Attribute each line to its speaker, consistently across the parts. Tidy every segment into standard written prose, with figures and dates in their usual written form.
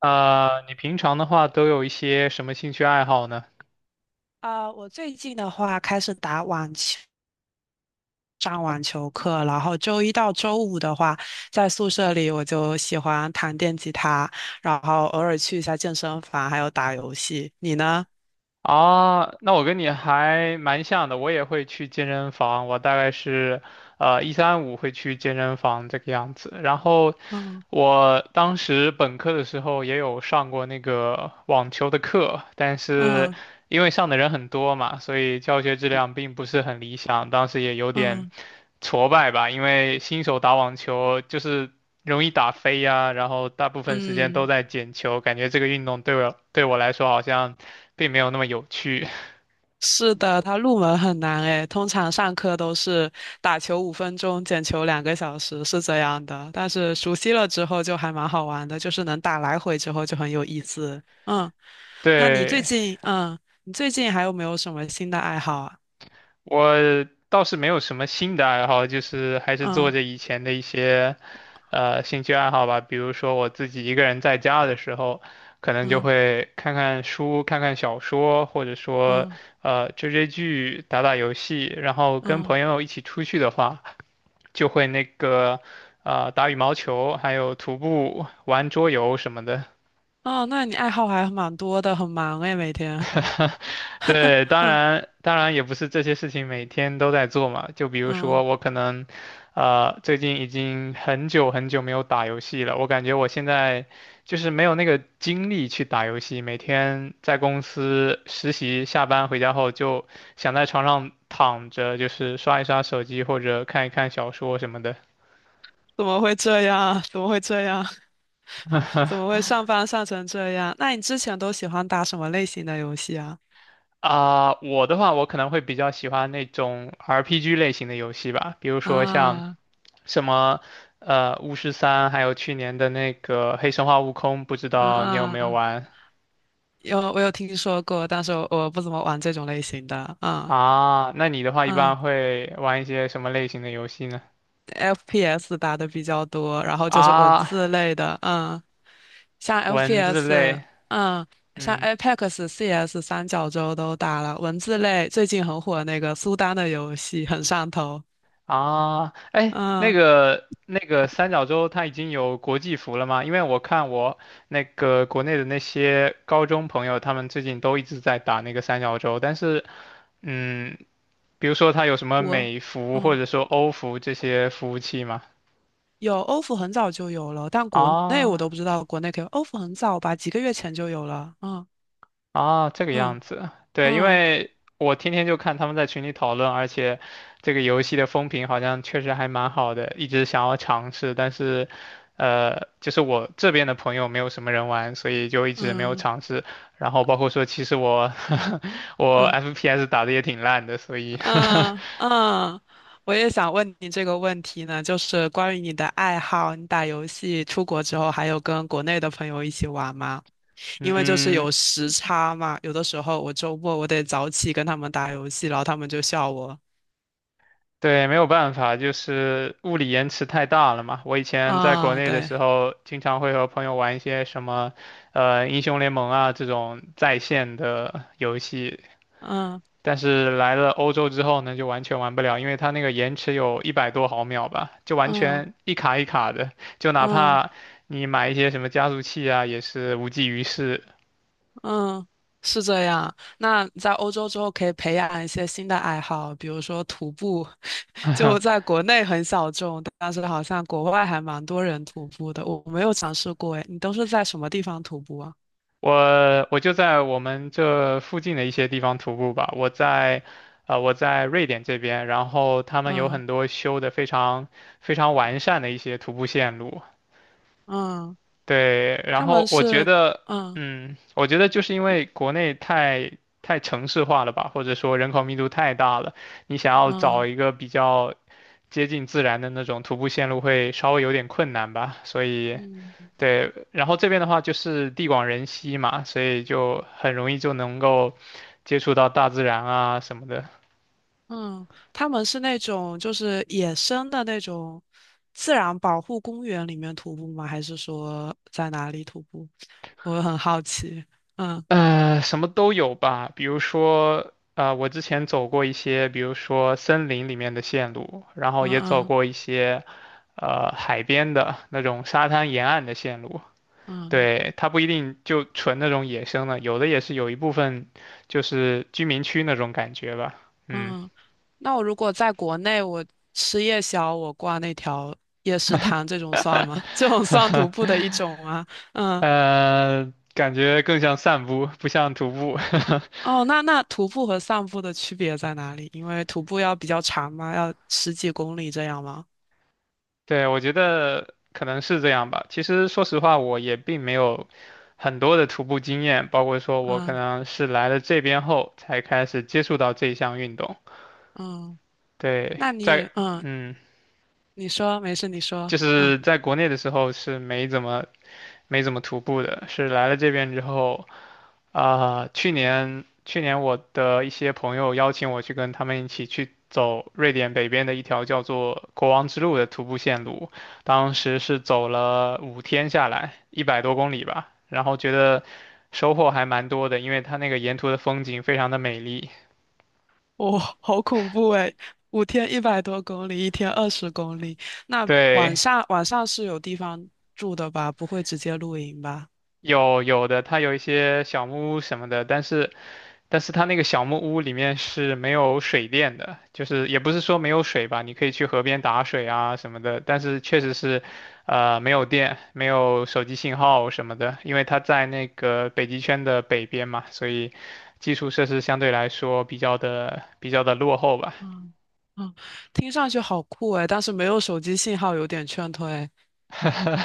Speaker 1: 你平常的话都有一些什么兴趣爱好呢？
Speaker 2: 啊，我最近的话开始打网球，上网球课，然后周一到周五的话，在宿舍里我就喜欢弹电吉他，然后偶尔去一下健身房，还有打游戏。你呢？
Speaker 1: 啊，那我跟你还蛮像的，我也会去健身房，我大概是一三五会去健身房这个样子。然后
Speaker 2: 嗯。
Speaker 1: 我当时本科的时候也有上过那个网球的课，但是
Speaker 2: 嗯。
Speaker 1: 因为上的人很多嘛，所以教学质量并不是很理想，当时也有点
Speaker 2: 嗯。
Speaker 1: 挫败吧，因为新手打网球就是容易打飞呀，然后大部分时间都
Speaker 2: 嗯。
Speaker 1: 在捡球，感觉这个运动对我来说好像并没有那么有趣。
Speaker 2: 是的，它入门很难诶，通常上课都是打球5分钟，捡球2个小时，是这样的。但是熟悉了之后就还蛮好玩的，就是能打来回之后就很有意思。嗯。那你最
Speaker 1: 对，
Speaker 2: 近，嗯，你最近还有没有什么新的爱好啊？
Speaker 1: 我倒是没有什么新的爱好，就是还是做
Speaker 2: 嗯。
Speaker 1: 着以前的一些兴趣爱好吧，比如说我自己一个人在家的时候，可能就
Speaker 2: 嗯。
Speaker 1: 会看看书、看看小说，或者说
Speaker 2: 嗯。
Speaker 1: 追追剧、打打游戏，然后跟
Speaker 2: 嗯。
Speaker 1: 朋
Speaker 2: 嗯。
Speaker 1: 友一起出去的话。就会打羽毛球，还有徒步、玩桌游什么的。
Speaker 2: 哦，那你爱好还蛮多的，很忙诶，每天。
Speaker 1: 对，当
Speaker 2: 嗯。
Speaker 1: 然当然也不是这些事情每天都在做嘛，就比如说
Speaker 2: 嗯，
Speaker 1: 我可能最近已经很久很久没有打游戏了，我感觉我现在就是没有那个精力去打游戏，每天在公司实习，下班回家后就想在床上躺着，就是刷一刷手机或者看一看小说什么的。
Speaker 2: 怎么会这样？怎么会这样？怎么 会上班上成这样？那你之前都喜欢打什么类型的游戏啊？
Speaker 1: 啊、我的话，我可能会比较喜欢那种 RPG 类型的游戏吧，比如说像
Speaker 2: 啊。
Speaker 1: 什么《巫师三》，还有去年的那个《黑神话：悟空》，不知道你有没有
Speaker 2: 啊，
Speaker 1: 玩？
Speaker 2: 有我有听说过，但是我不怎么玩这种类型的。嗯。
Speaker 1: 啊？那你的话一
Speaker 2: 嗯
Speaker 1: 般会玩一些什么类型的游戏呢？
Speaker 2: ，FPS 打的比较多，然后就是文
Speaker 1: 啊，
Speaker 2: 字类的。嗯，像
Speaker 1: 文字
Speaker 2: FPS，
Speaker 1: 类，
Speaker 2: 嗯，像
Speaker 1: 嗯。
Speaker 2: Apex、CS 三角洲都打了。文字类最近很火那个苏丹的游戏很上头。
Speaker 1: 啊，哎，那
Speaker 2: 嗯。
Speaker 1: 个那个三角洲它已经有国际服了吗？因为我看我那个国内的那些高中朋友，他们最近都一直在打那个三角洲，但是，嗯，比如说它有什么
Speaker 2: 国，
Speaker 1: 美服或
Speaker 2: 嗯，
Speaker 1: 者说欧服这些服务器吗？
Speaker 2: 有欧服很早就有了，但国内我
Speaker 1: 啊
Speaker 2: 都不知道国内可以。欧服很早吧，几个月前就有了。嗯。
Speaker 1: 啊，这个
Speaker 2: 嗯。
Speaker 1: 样子，对，因
Speaker 2: 嗯。
Speaker 1: 为我天天就看他们在群里讨论，而且这个游戏的风评好像确实还蛮好的，一直想要尝试，但是，就是我这边的朋友没有什么人玩，所以就一直没有
Speaker 2: 嗯。
Speaker 1: 尝试。然后包括说，其实我 我
Speaker 2: 嗯。
Speaker 1: FPS 打的也挺烂的，所以
Speaker 2: 嗯。 嗯，我也想问你这个问题呢，就是关于你的爱好，你打游戏出国之后还有跟国内的朋友一起玩吗？因为就是
Speaker 1: 嗯，
Speaker 2: 有时差嘛，有的时候我周末我得早起跟他们打游戏，然后他们就笑我。
Speaker 1: 对，没有办法，就是物理延迟太大了嘛。我以前在国
Speaker 2: 啊，
Speaker 1: 内的
Speaker 2: 对，
Speaker 1: 时候，经常会和朋友玩一些什么，英雄联盟啊这种在线的游戏，
Speaker 2: 嗯。
Speaker 1: 但是来了欧洲之后呢，就完全玩不了，因为它那个延迟有一百多毫秒吧，就完
Speaker 2: 嗯。
Speaker 1: 全一卡一卡的，就哪
Speaker 2: 嗯。
Speaker 1: 怕你买一些什么加速器啊，也是无济于事。
Speaker 2: 嗯，是这样。那在欧洲之后可以培养一些新的爱好，比如说徒步，就在国内很小众，但是好像国外还蛮多人徒步的。我没有尝试过，诶，你都是在什么地方徒步啊？
Speaker 1: 我就在我们这附近的一些地方徒步吧。我在，啊，我在瑞典这边，然后他们有
Speaker 2: 嗯。
Speaker 1: 很多修的非常非常完善的一些徒步线路。
Speaker 2: 嗯，
Speaker 1: 对，然
Speaker 2: 他
Speaker 1: 后
Speaker 2: 们
Speaker 1: 我觉
Speaker 2: 是
Speaker 1: 得，
Speaker 2: 嗯。
Speaker 1: 我觉得就是因为国内太城市化了吧，或者说人口密度太大了，你想要找
Speaker 2: 嗯。
Speaker 1: 一个比较接近自然的那种徒步线路会稍微有点困难吧，所以。
Speaker 2: 嗯。
Speaker 1: 对，然后这边的话就是地广人稀嘛，所以就很容易就能够接触到大自然啊什么的，
Speaker 2: 嗯，他们是那种就是野生的那种自然保护公园里面徒步吗？还是说在哪里徒步？我很好奇。嗯。
Speaker 1: 什么都有吧。比如说，我之前走过一些，比如说森林里面的线路，然后
Speaker 2: 嗯。
Speaker 1: 也走
Speaker 2: 嗯。
Speaker 1: 过一些海边的那种沙滩沿岸的线路。
Speaker 2: 嗯。
Speaker 1: 对，它不一定就纯那种野生的，有的也是有一部分就是居民区那种感觉吧。嗯，
Speaker 2: 嗯。那我如果在国内，我吃夜宵，我逛那条夜市摊，这种算吗？这种算徒步的 一种吗？嗯。
Speaker 1: 感觉更像散步，不像徒步。
Speaker 2: 哦，那徒步和散步的区别在哪里？因为徒步要比较长嘛，要十几公里这样吗？
Speaker 1: 对，我觉得可能是这样吧。其实说实话，我也并没有很多的徒步经验，包括说我可
Speaker 2: 嗯。
Speaker 1: 能是来了这边后才开始接触到这项运动。
Speaker 2: 嗯，
Speaker 1: 对，
Speaker 2: 那你嗯。
Speaker 1: 嗯，
Speaker 2: 你说，没事，你说。
Speaker 1: 就
Speaker 2: 嗯，
Speaker 1: 是在国内的时候是没怎么徒步的，是来了这边之后。啊、去年我的一些朋友邀请我去跟他们一起去走瑞典北边的一条叫做国王之路的徒步线路，当时是走了5天下来，100多公里吧，然后觉得收获还蛮多的，因为它那个沿途的风景非常的美丽。
Speaker 2: 好恐怖诶，5天100多公里，一天20公里。那晚
Speaker 1: 对，
Speaker 2: 上晚上是有地方住的吧？不会直接露营吧？
Speaker 1: 有的，它有一些小木屋什么的，但是它那个小木屋里面是没有水电的，就是也不是说没有水吧，你可以去河边打水啊什么的，但是确实是，没有电，没有手机信号什么的，因为它在那个北极圈的北边嘛，所以基础设施相对来说比较的落后吧。
Speaker 2: 嗯。嗯，听上去好酷诶，但是没有手机信号有点劝退。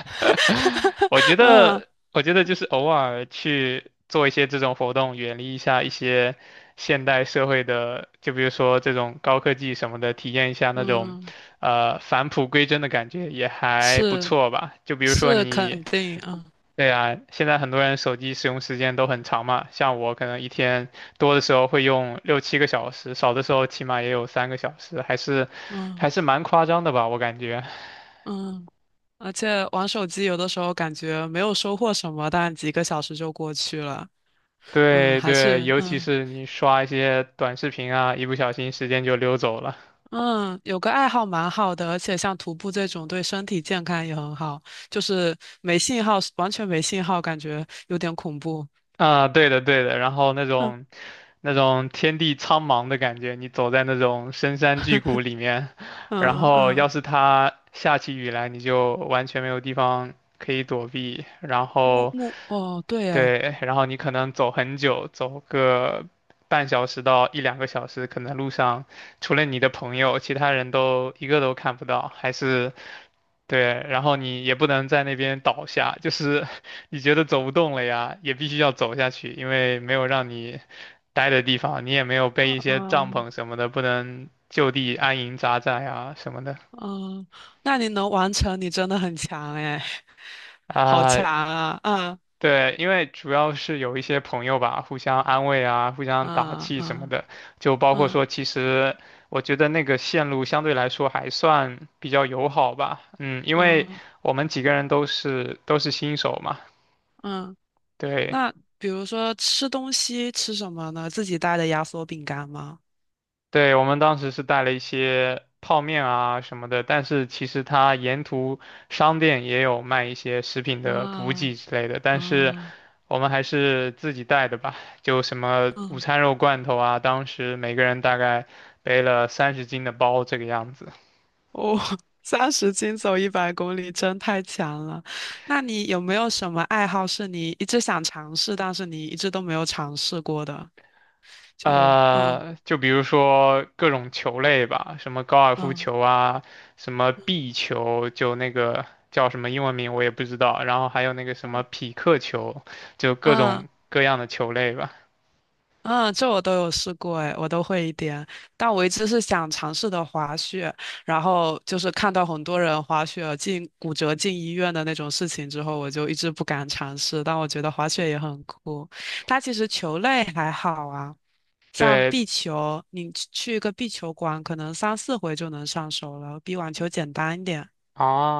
Speaker 1: 我觉
Speaker 2: 嗯。
Speaker 1: 得，我觉得就是偶尔去做一些这种活动，远离一下一些现代社会的，就比如说这种高科技什么的，体验一下那种，
Speaker 2: 嗯，
Speaker 1: 返璞归真的感觉也还不
Speaker 2: 是
Speaker 1: 错吧。就比如说
Speaker 2: 是
Speaker 1: 你，
Speaker 2: 肯定，嗯。
Speaker 1: 对啊，现在很多人手机使用时间都很长嘛，像我可能一天多的时候会用6、7个小时，少的时候起码也有3个小时，还是还
Speaker 2: 嗯。
Speaker 1: 是蛮夸张的吧，我感觉。
Speaker 2: 嗯，而且玩手机有的时候感觉没有收获什么，但几个小时就过去了。嗯，
Speaker 1: 对
Speaker 2: 还
Speaker 1: 对，
Speaker 2: 是
Speaker 1: 尤其
Speaker 2: 嗯。
Speaker 1: 是你刷一些短视频啊，一不小心时间就溜走了。
Speaker 2: 嗯，有个爱好蛮好的，而且像徒步这种对身体健康也很好，就是没信号，完全没信号，感觉有点恐怖。
Speaker 1: 啊，对的对的，然后那
Speaker 2: 嗯
Speaker 1: 种那种天地苍茫的感觉，你走在那种深山巨谷 里面，然
Speaker 2: 嗯。
Speaker 1: 后
Speaker 2: 嗯，
Speaker 1: 要是它下起雨来，你就完全没有地方可以躲避，然
Speaker 2: 木
Speaker 1: 后
Speaker 2: 木哦，对诶，
Speaker 1: 对，然后你可能走很久，走个半小时到一两个小时，可能路上除了你的朋友，其他人都一个都看不到，还是对，然后你也不能在那边倒下，就是 你觉得走不动了呀，也必须要走下去，因为没有让你待的地方，你也没有备一些帐
Speaker 2: 嗯。
Speaker 1: 篷什么的，不能就地安营扎寨啊什么的
Speaker 2: 嗯，那你能完成，你真的很强诶，好强
Speaker 1: 啊。
Speaker 2: 啊！嗯。
Speaker 1: 对，因为主要是有一些朋友吧，互相安慰啊，互相打
Speaker 2: 嗯。
Speaker 1: 气什么
Speaker 2: 嗯。
Speaker 1: 的，就包括
Speaker 2: 嗯。
Speaker 1: 说，其实我觉得那个线路相对来说还算比较友好吧，嗯，因为
Speaker 2: 嗯。
Speaker 1: 我们几个人都是新手嘛，
Speaker 2: 嗯，
Speaker 1: 对。
Speaker 2: 那比如说吃东西吃什么呢？自己带的压缩饼干吗？
Speaker 1: 对，我们当时是带了一些泡面啊什么的，但是其实它沿途商店也有卖一些食品的补给
Speaker 2: 啊。
Speaker 1: 之类的，但是
Speaker 2: 啊。
Speaker 1: 我们还是自己带的吧，就什么午
Speaker 2: 嗯。
Speaker 1: 餐肉罐头啊，当时每个人大概背了30斤的包这个样子。
Speaker 2: 哦，30斤走100公里真太强了。那你有没有什么爱好是你一直想尝试，但是你一直都没有尝试过的？嗯。
Speaker 1: 就比如说各种球类吧，什么高尔夫
Speaker 2: 嗯。
Speaker 1: 球啊，什么壁球，就那个叫什么英文名我也不知道，然后还有那个什么
Speaker 2: 嗯。
Speaker 1: 匹克球，就各种
Speaker 2: 嗯。
Speaker 1: 各样的球类吧。
Speaker 2: 嗯，这我都有试过，哎，我都会一点。但我一直是想尝试的滑雪，然后就是看到很多人滑雪进骨折进医院的那种事情之后，我就一直不敢尝试。但我觉得滑雪也很酷，它其实球类还好啊，像
Speaker 1: 对
Speaker 2: 壁球，你去一个壁球馆，可能三四回就能上手了，比网球简单一点。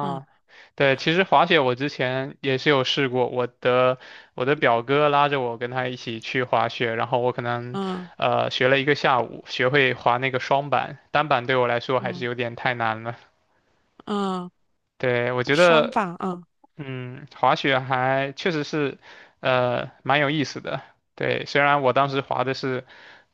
Speaker 2: 嗯。
Speaker 1: 对，其实滑雪我之前也是有试过，我的表哥拉着我跟他一起去滑雪，然后我可能
Speaker 2: 嗯。
Speaker 1: 学了一个下午，学会滑那个双板，单板对我来说还是
Speaker 2: 嗯。
Speaker 1: 有点太难了。
Speaker 2: 嗯，
Speaker 1: 对，我觉
Speaker 2: 双
Speaker 1: 得
Speaker 2: 棒，嗯，
Speaker 1: 滑雪还确实是，蛮有意思的。对，虽然我当时滑的是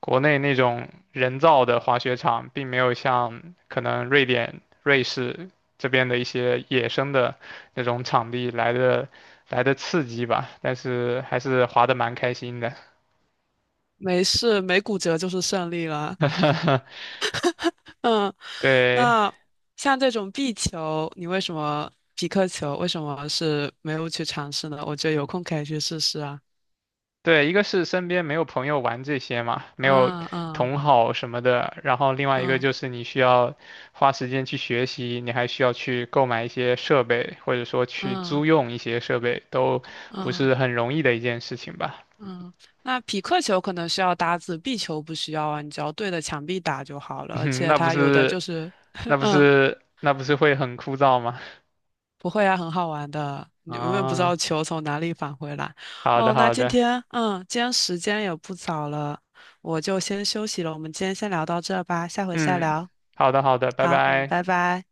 Speaker 1: 国内那种人造的滑雪场，并没有像可能瑞典、瑞士这边的一些野生的那种场地来的刺激吧，但是还是滑得蛮开心的。
Speaker 2: 没事，没骨折就是胜利了。嗯。
Speaker 1: 对，
Speaker 2: 那像这种壁球，你为什么匹克球为什么是没有去尝试呢？我觉得有空可以去试试啊。
Speaker 1: 对，一个是身边没有朋友玩这些嘛，没有
Speaker 2: 嗯。嗯。
Speaker 1: 同好什么的，然后另外一个
Speaker 2: 嗯。
Speaker 1: 就是你需要花时间去学习，你还需要去购买一些设备，或者说去租
Speaker 2: 嗯。
Speaker 1: 用一些设备，都不
Speaker 2: 嗯。
Speaker 1: 是很容易的一件事情吧？
Speaker 2: 嗯。那匹克球可能需要搭子，壁球不需要啊，你只要对着墙壁打就好了。而 且
Speaker 1: 那不
Speaker 2: 它有的就
Speaker 1: 是，
Speaker 2: 是，
Speaker 1: 那 不
Speaker 2: 嗯，
Speaker 1: 是，那不是会很枯燥吗？
Speaker 2: 不会啊，很好玩的。你永远不知道
Speaker 1: 啊，
Speaker 2: 球从哪里返回来。
Speaker 1: 好的，
Speaker 2: 哦，那
Speaker 1: 好
Speaker 2: 今
Speaker 1: 的，
Speaker 2: 天，嗯，今天时间也不早了，我就先休息了。我们今天先聊到这吧，下回再
Speaker 1: 嗯，
Speaker 2: 聊。
Speaker 1: 好的，好的，拜
Speaker 2: 好，嗯，
Speaker 1: 拜。
Speaker 2: 拜拜。